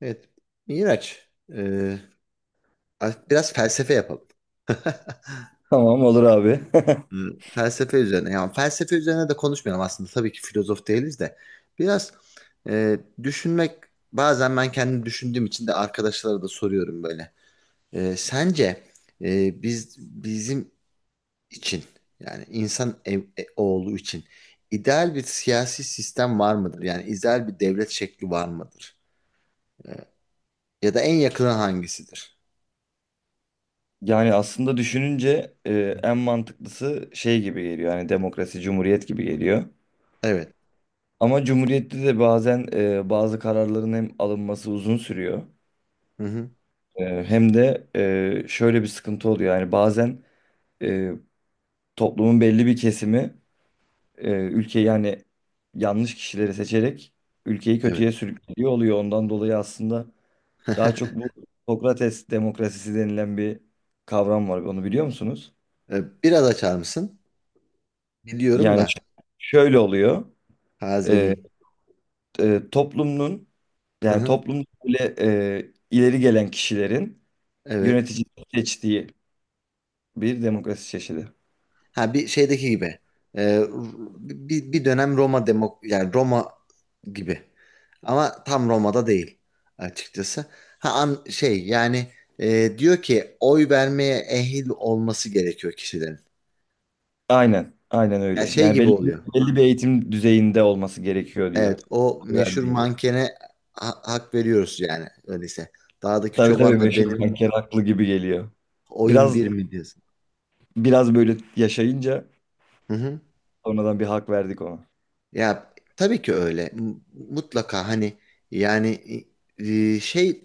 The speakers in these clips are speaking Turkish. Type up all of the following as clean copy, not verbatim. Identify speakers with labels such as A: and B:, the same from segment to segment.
A: Evet. Miraç, e, biraz felsefe yapalım.
B: Tamam olur abi.
A: Hmm, felsefe üzerine. Yani felsefe üzerine de konuşmayalım aslında. Tabii ki filozof değiliz de. Biraz düşünmek, bazen ben kendim düşündüğüm için de arkadaşlara da soruyorum böyle. Sence biz bizim için, yani insan oğlu için ideal bir siyasi sistem var mıdır? Yani ideal bir devlet şekli var mıdır? Ya da en yakını hangisidir?
B: Yani aslında düşününce en mantıklısı şey gibi geliyor. Yani demokrasi, cumhuriyet gibi geliyor.
A: Evet.
B: Ama cumhuriyette de bazen bazı kararların hem alınması uzun sürüyor.
A: Hı hı.
B: Hem de şöyle bir sıkıntı oluyor. Yani bazen e, toplumun belli bir kesimi ülkeyi yani yanlış kişileri seçerek ülkeyi
A: Evet.
B: kötüye sürüklüyor oluyor. Ondan dolayı aslında daha çok bu Sokrates demokrasisi denilen bir kavram var. Onu biliyor musunuz?
A: Biraz açar mısın? Biliyorum
B: Yani
A: da
B: şöyle oluyor. Ee,
A: tazeleyeyim.
B: toplumun
A: Hı
B: yani
A: hı,
B: toplumda böyle ileri gelen kişilerin
A: evet.
B: yönetici seçtiği bir demokrasi çeşidi.
A: Ha, bir şeydeki gibi. Ee, R- bir dönem Roma demok yani Roma gibi. Ama tam Roma'da değil açıkçası. Ha, an, şey yani, diyor ki oy vermeye ehil olması gerekiyor kişilerin.
B: Aynen, aynen
A: Ya,
B: öyle.
A: şey
B: Yani
A: gibi oluyor.
B: belli bir eğitim düzeyinde olması gerekiyor diyor.
A: Evet, o meşhur
B: Vermeye gerek.
A: mankene hak veriyoruz yani, öyleyse. Dağdaki
B: Tabii tabii
A: çobanla
B: meşhur
A: benim
B: banker haklı gibi geliyor.
A: oyun
B: Biraz
A: bir mi diyorsun?
B: biraz böyle yaşayınca
A: Hı hı.
B: sonradan bir hak verdik ona.
A: Ya, tabii ki öyle. Mutlaka hani yani, şey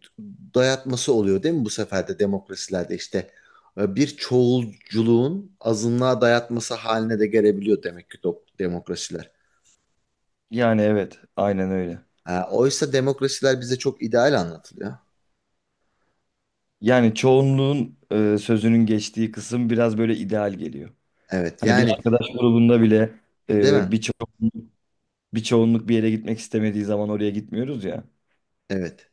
A: dayatması oluyor değil mi bu sefer de demokrasilerde işte, bir çoğulculuğun azınlığa dayatması haline de gelebiliyor demek ki, demokrasiler.
B: Yani evet, aynen öyle.
A: Ha, oysa demokrasiler bize çok ideal anlatılıyor.
B: Yani çoğunluğun sözünün geçtiği kısım biraz böyle ideal geliyor.
A: Evet
B: Hani bir
A: yani,
B: arkadaş grubunda bile
A: değil
B: e,
A: mi?
B: bir, ço bir çoğunluk bir yere gitmek istemediği zaman oraya gitmiyoruz ya.
A: Evet.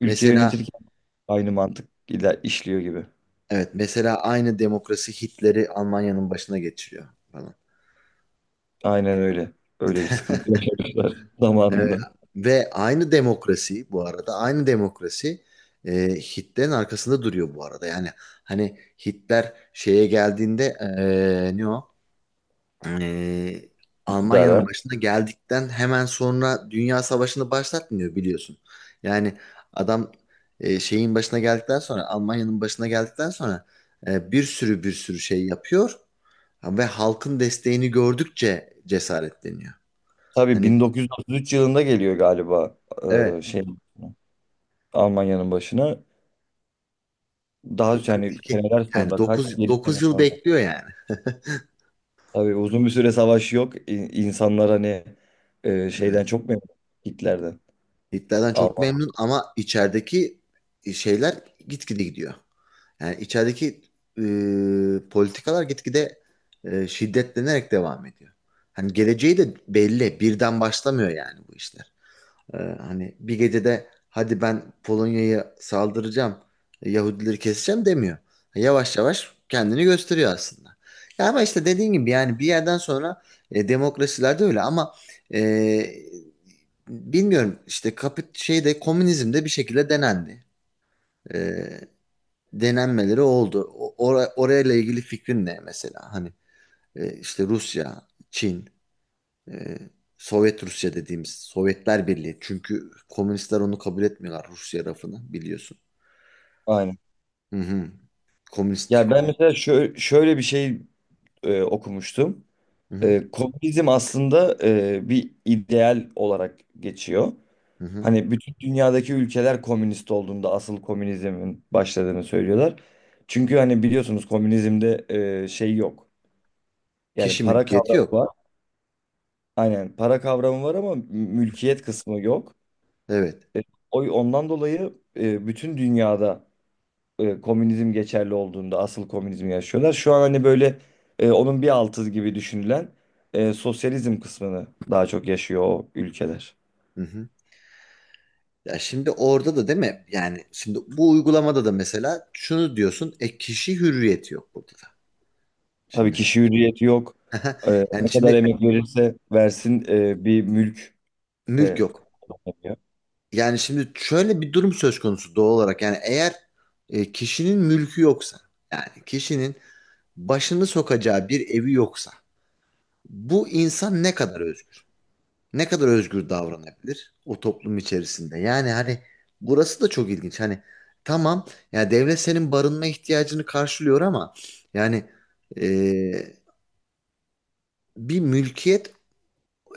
B: Ülke
A: Mesela
B: yönetirken aynı mantık ile işliyor gibi.
A: evet, mesela aynı demokrasi Hitler'i Almanya'nın başına geçiriyor falan.
B: Aynen öyle. Öyle bir sıkıntı yaşamışlar
A: Ee,
B: zamanında
A: ve aynı demokrasi, bu arada aynı demokrasi, e, Hitler'in arkasında duruyor bu arada. Yani hani Hitler şeye geldiğinde, ne o? E, Almanya'nın
B: iktidara.
A: başına geldikten hemen sonra Dünya Savaşı'nı başlatmıyor, biliyorsun. Yani adam şeyin başına geldikten sonra, Almanya'nın başına geldikten sonra bir sürü bir sürü şey yapıyor ve halkın desteğini gördükçe cesaretleniyor.
B: Tabii
A: Hani,
B: 1933 yılında geliyor galiba, e,
A: evet.
B: şey Almanya'nın başına. Daha yani
A: 42.
B: seneler
A: Yani
B: sonra kaç?
A: 9
B: 7
A: 9
B: sene
A: yıl
B: sonra.
A: bekliyor yani.
B: Tabii uzun bir süre savaş yok. İnsanlar hani
A: Evet.
B: şeyden çok memnun, Hitler'den.
A: Hitler'den çok
B: Alman.
A: memnun ama içerideki şeyler gitgide gidiyor. Yani içerideki politikalar gitgide şiddetlenerek devam ediyor. Hani geleceği de belli. Birden başlamıyor yani bu işte. Hani bir gecede, hadi ben Polonya'ya saldıracağım, Yahudileri keseceğim demiyor. Yavaş yavaş kendini gösteriyor aslında. Ya ama işte dediğin gibi, yani bir yerden sonra demokrasilerde öyle ama e, bilmiyorum, işte şeyde, komünizmde bir şekilde denendi. E, Denenmeleri oldu. Orayla ilgili fikrin ne mesela? Hani işte Rusya, Çin. Ee, Sovyet Rusya dediğimiz Sovyetler Birliği. Çünkü komünistler onu kabul etmiyorlar, Rusya rafını biliyorsun.
B: Aynen.
A: Hı hı. Komünist.
B: Ya ben mesela şöyle bir şey okumuştum.
A: Hı hı.
B: Komünizm aslında bir ideal olarak geçiyor.
A: Hı hı.
B: Hani bütün dünyadaki ülkeler komünist olduğunda asıl komünizmin başladığını söylüyorlar. Çünkü hani biliyorsunuz komünizmde şey yok. Yani
A: Kişi
B: para
A: mülkiyeti
B: kavramı
A: yok.
B: var. Aynen, para kavramı var ama mülkiyet kısmı yok.
A: Evet.
B: E, ondan dolayı bütün dünyada komünizm geçerli olduğunda asıl komünizmi yaşıyorlar. Şu an hani böyle onun bir altı gibi düşünülen sosyalizm kısmını daha çok yaşıyor o ülkeler.
A: Hı hı. Ya şimdi orada da, değil mi? Yani şimdi bu uygulamada da mesela şunu diyorsun. E, kişi hürriyeti yok burada da.
B: Tabii
A: Şimdi.
B: kişi hürriyeti yok. E,
A: Yani
B: Ne kadar
A: şimdi
B: emek verirse versin bir mülk
A: mülk
B: de.
A: yok. Yani şimdi şöyle bir durum söz konusu doğal olarak. Yani eğer kişinin mülkü yoksa, yani kişinin başını sokacağı bir evi yoksa, bu insan ne kadar özgür? Ne kadar özgür davranabilir o toplum içerisinde? Yani hani burası da çok ilginç. Hani tamam, ya devlet senin barınma ihtiyacını karşılıyor ama yani, e, bir mülkiyet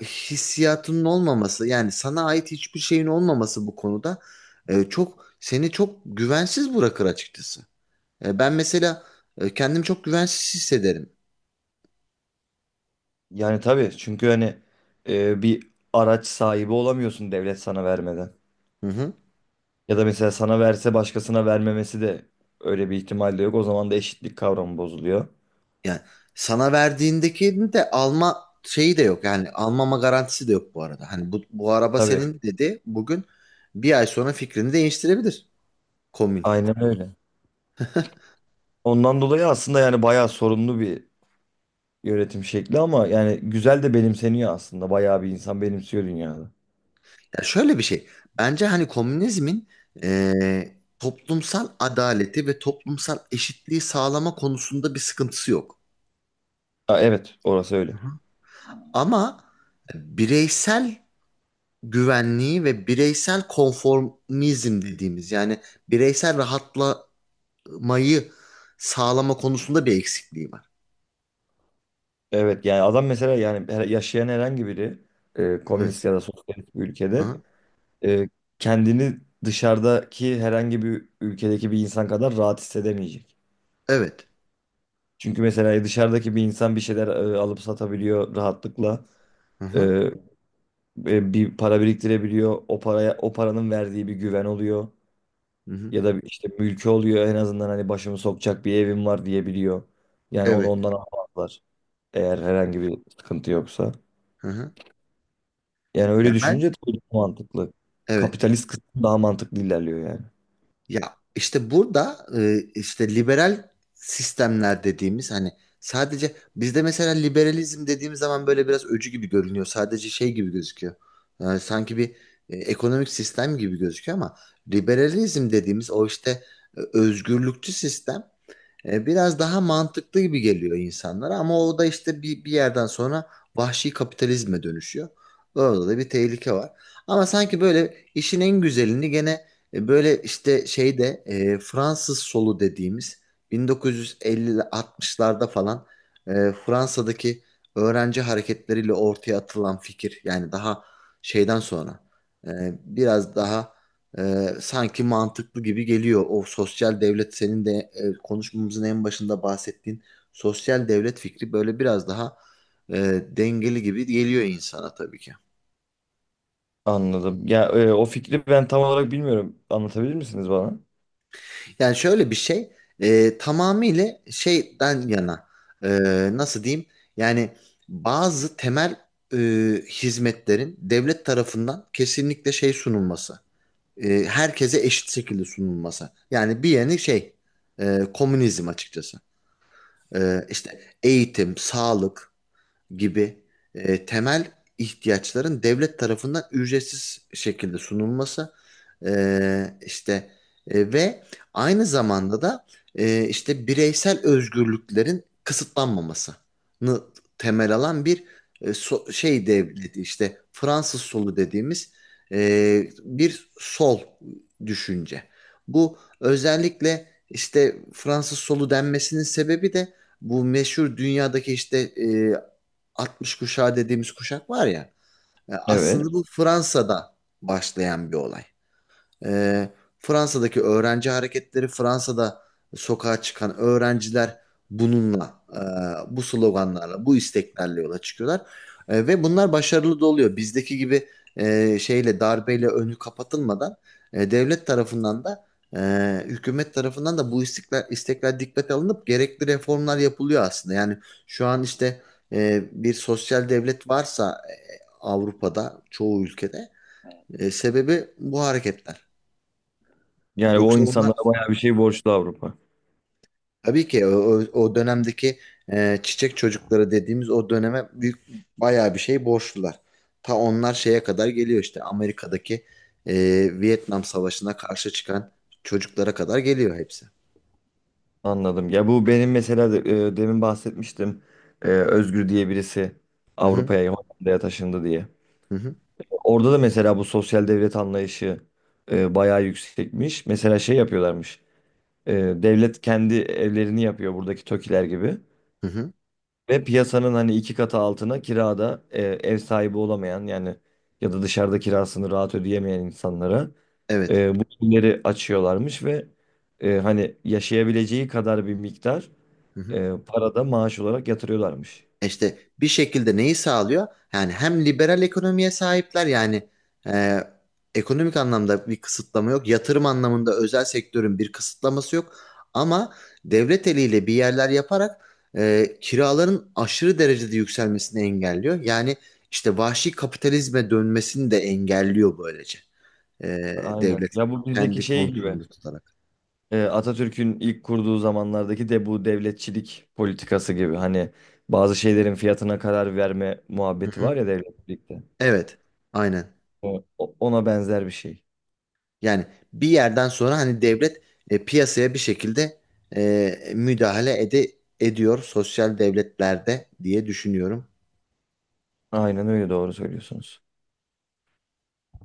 A: hissiyatının olmaması, yani sana ait hiçbir şeyin olmaması bu konuda, çok seni çok güvensiz bırakır açıkçası. Ben mesela kendimi çok güvensiz hissederim.
B: Yani tabii çünkü hani bir araç sahibi olamıyorsun devlet sana vermeden.
A: Hı hı.
B: Ya da mesela sana verse başkasına vermemesi de öyle bir ihtimal de yok. O zaman da eşitlik kavramı bozuluyor.
A: Yani sana verdiğindeki de alma şeyi de yok. Yani almama garantisi de yok bu arada. Hani bu araba
B: Tabii
A: senin dedi bugün, bir ay sonra fikrini değiştirebilir komün.
B: aynen öyle. Ondan dolayı aslında yani bayağı sorunlu bir yönetim şekli ama yani güzel de benimseniyor aslında. Bayağı bir insan benimsiyor dünyada.
A: Ya şöyle bir şey. Bence hani komünizmin, toplumsal adaleti ve toplumsal eşitliği sağlama konusunda bir sıkıntısı yok.
B: Ha, evet, orası öyle.
A: Hı hı. Ama bireysel güvenliği ve bireysel konformizm dediğimiz, yani bireysel rahatla mayı sağlama konusunda bir eksikliği var.
B: Evet yani adam mesela yani yaşayan herhangi biri
A: Evet.
B: komünist ya da sosyalist bir ülkede
A: Hı.
B: e, kendini dışarıdaki herhangi bir ülkedeki bir insan kadar rahat hissedemeyecek.
A: Evet.
B: Çünkü mesela dışarıdaki bir insan bir şeyler alıp satabiliyor rahatlıkla.
A: Hı hı.
B: E, Bir para biriktirebiliyor. O paranın verdiği bir güven oluyor.
A: Hı hı.
B: Ya da işte mülkü oluyor, en azından hani başımı sokacak bir evim var diyebiliyor. Yani onu
A: Evet.
B: ondan almazlar. Eğer herhangi bir sıkıntı yoksa.
A: Hı hı.
B: Yani
A: Ya
B: öyle
A: ben,
B: düşünce tabii daha mantıklı.
A: evet.
B: Kapitalist kısım daha mantıklı ilerliyor yani.
A: Ya işte burada, işte liberal sistemler dediğimiz, hani sadece bizde mesela liberalizm dediğimiz zaman böyle biraz öcü gibi görünüyor. Sadece şey gibi gözüküyor. Yani sanki bir, ekonomik sistem gibi gözüküyor ama liberalizm dediğimiz o işte, özgürlükçü sistem. Biraz daha mantıklı gibi geliyor insanlara ama o da işte bir yerden sonra vahşi kapitalizme dönüşüyor. Orada da bir tehlike var. Ama sanki böyle işin en güzelini gene, böyle işte şeyde, Fransız solu dediğimiz 1950-60'larda falan, Fransa'daki öğrenci hareketleriyle ortaya atılan fikir, yani daha şeyden sonra, e, biraz daha sanki mantıklı gibi geliyor. O sosyal devlet, senin de konuşmamızın en başında bahsettiğin sosyal devlet fikri böyle biraz daha e, dengeli gibi geliyor insana tabii ki.
B: Anladım. Ya o fikri ben tam olarak bilmiyorum. Anlatabilir misiniz bana?
A: Yani şöyle bir şey, tamamıyla şeyden yana, e, nasıl diyeyim, yani bazı temel e, hizmetlerin devlet tarafından kesinlikle şey sunulması. Herkese eşit şekilde sunulması. Yani bir yeni şey, komünizm açıkçası. İşte eğitim, sağlık gibi temel ihtiyaçların devlet tarafından ücretsiz şekilde sunulması işte ve aynı zamanda da işte bireysel özgürlüklerin kısıtlanmamasını temel alan bir, şey devleti işte Fransız solu dediğimiz, bir sol düşünce. Bu özellikle işte Fransız solu denmesinin sebebi de bu meşhur dünyadaki işte, 60 kuşağı dediğimiz kuşak var ya. Aslında
B: Evet.
A: bu Fransa'da başlayan bir olay. Ee, Fransa'daki öğrenci hareketleri, Fransa'da sokağa çıkan öğrenciler bununla, bu sloganlarla, bu isteklerle yola çıkıyorlar. Ve bunlar başarılı da oluyor. Bizdeki gibi şeyle, darbeyle önü kapatılmadan, devlet tarafından da hükümet tarafından da bu istekler, istekler dikkate alınıp gerekli reformlar yapılıyor aslında. Yani şu an işte bir sosyal devlet varsa, Avrupa'da çoğu ülkede sebebi bu hareketler.
B: Yani o
A: Yoksa onlar,
B: insanlara bayağı bir şey borçlu Avrupa.
A: tabii ki dönemdeki çiçek çocukları dediğimiz o döneme büyük, bayağı bir şey borçlular. Ta onlar şeye kadar geliyor, işte Amerika'daki e, Vietnam Savaşı'na karşı çıkan çocuklara kadar geliyor hepsi.
B: Anladım. Ya bu benim mesela demin bahsetmiştim. E, Özgür diye birisi
A: Hı hı,
B: Avrupa'ya, Hollanda'ya taşındı diye.
A: hı hı.
B: Orada da mesela bu sosyal devlet anlayışı bayağı yüksekmiş. Mesela şey yapıyorlarmış. E, Devlet kendi evlerini yapıyor buradaki TOKİ'ler gibi.
A: Hı hı.
B: Ve piyasanın hani iki katı altına kirada ev sahibi olamayan, yani ya da dışarıda kirasını rahat ödeyemeyen insanlara
A: Evet.
B: bu evleri açıyorlarmış ve hani yaşayabileceği kadar bir miktar
A: Hı hı.
B: para da maaş olarak yatırıyorlarmış.
A: İşte bir şekilde neyi sağlıyor? Yani hem liberal ekonomiye sahipler, yani e, ekonomik anlamda bir kısıtlama yok. Yatırım anlamında özel sektörün bir kısıtlaması yok. Ama devlet eliyle bir yerler yaparak kiraların aşırı derecede yükselmesini engelliyor. Yani işte vahşi kapitalizme dönmesini de engelliyor böylece. E,
B: Aynen.
A: Devlet
B: Ya bu bizdeki
A: kendi
B: şey gibi,
A: kontrolünde tutarak.
B: Atatürk'ün ilk kurduğu zamanlardaki de bu devletçilik politikası gibi. Hani bazı şeylerin fiyatına karar verme
A: Hı
B: muhabbeti
A: hı.
B: var ya devletçilikte.
A: Evet, aynen.
B: Ona benzer bir şey.
A: Yani bir yerden sonra hani devlet piyasaya bir şekilde müdahale ediyor sosyal devletlerde diye düşünüyorum.
B: Aynen öyle, doğru söylüyorsunuz.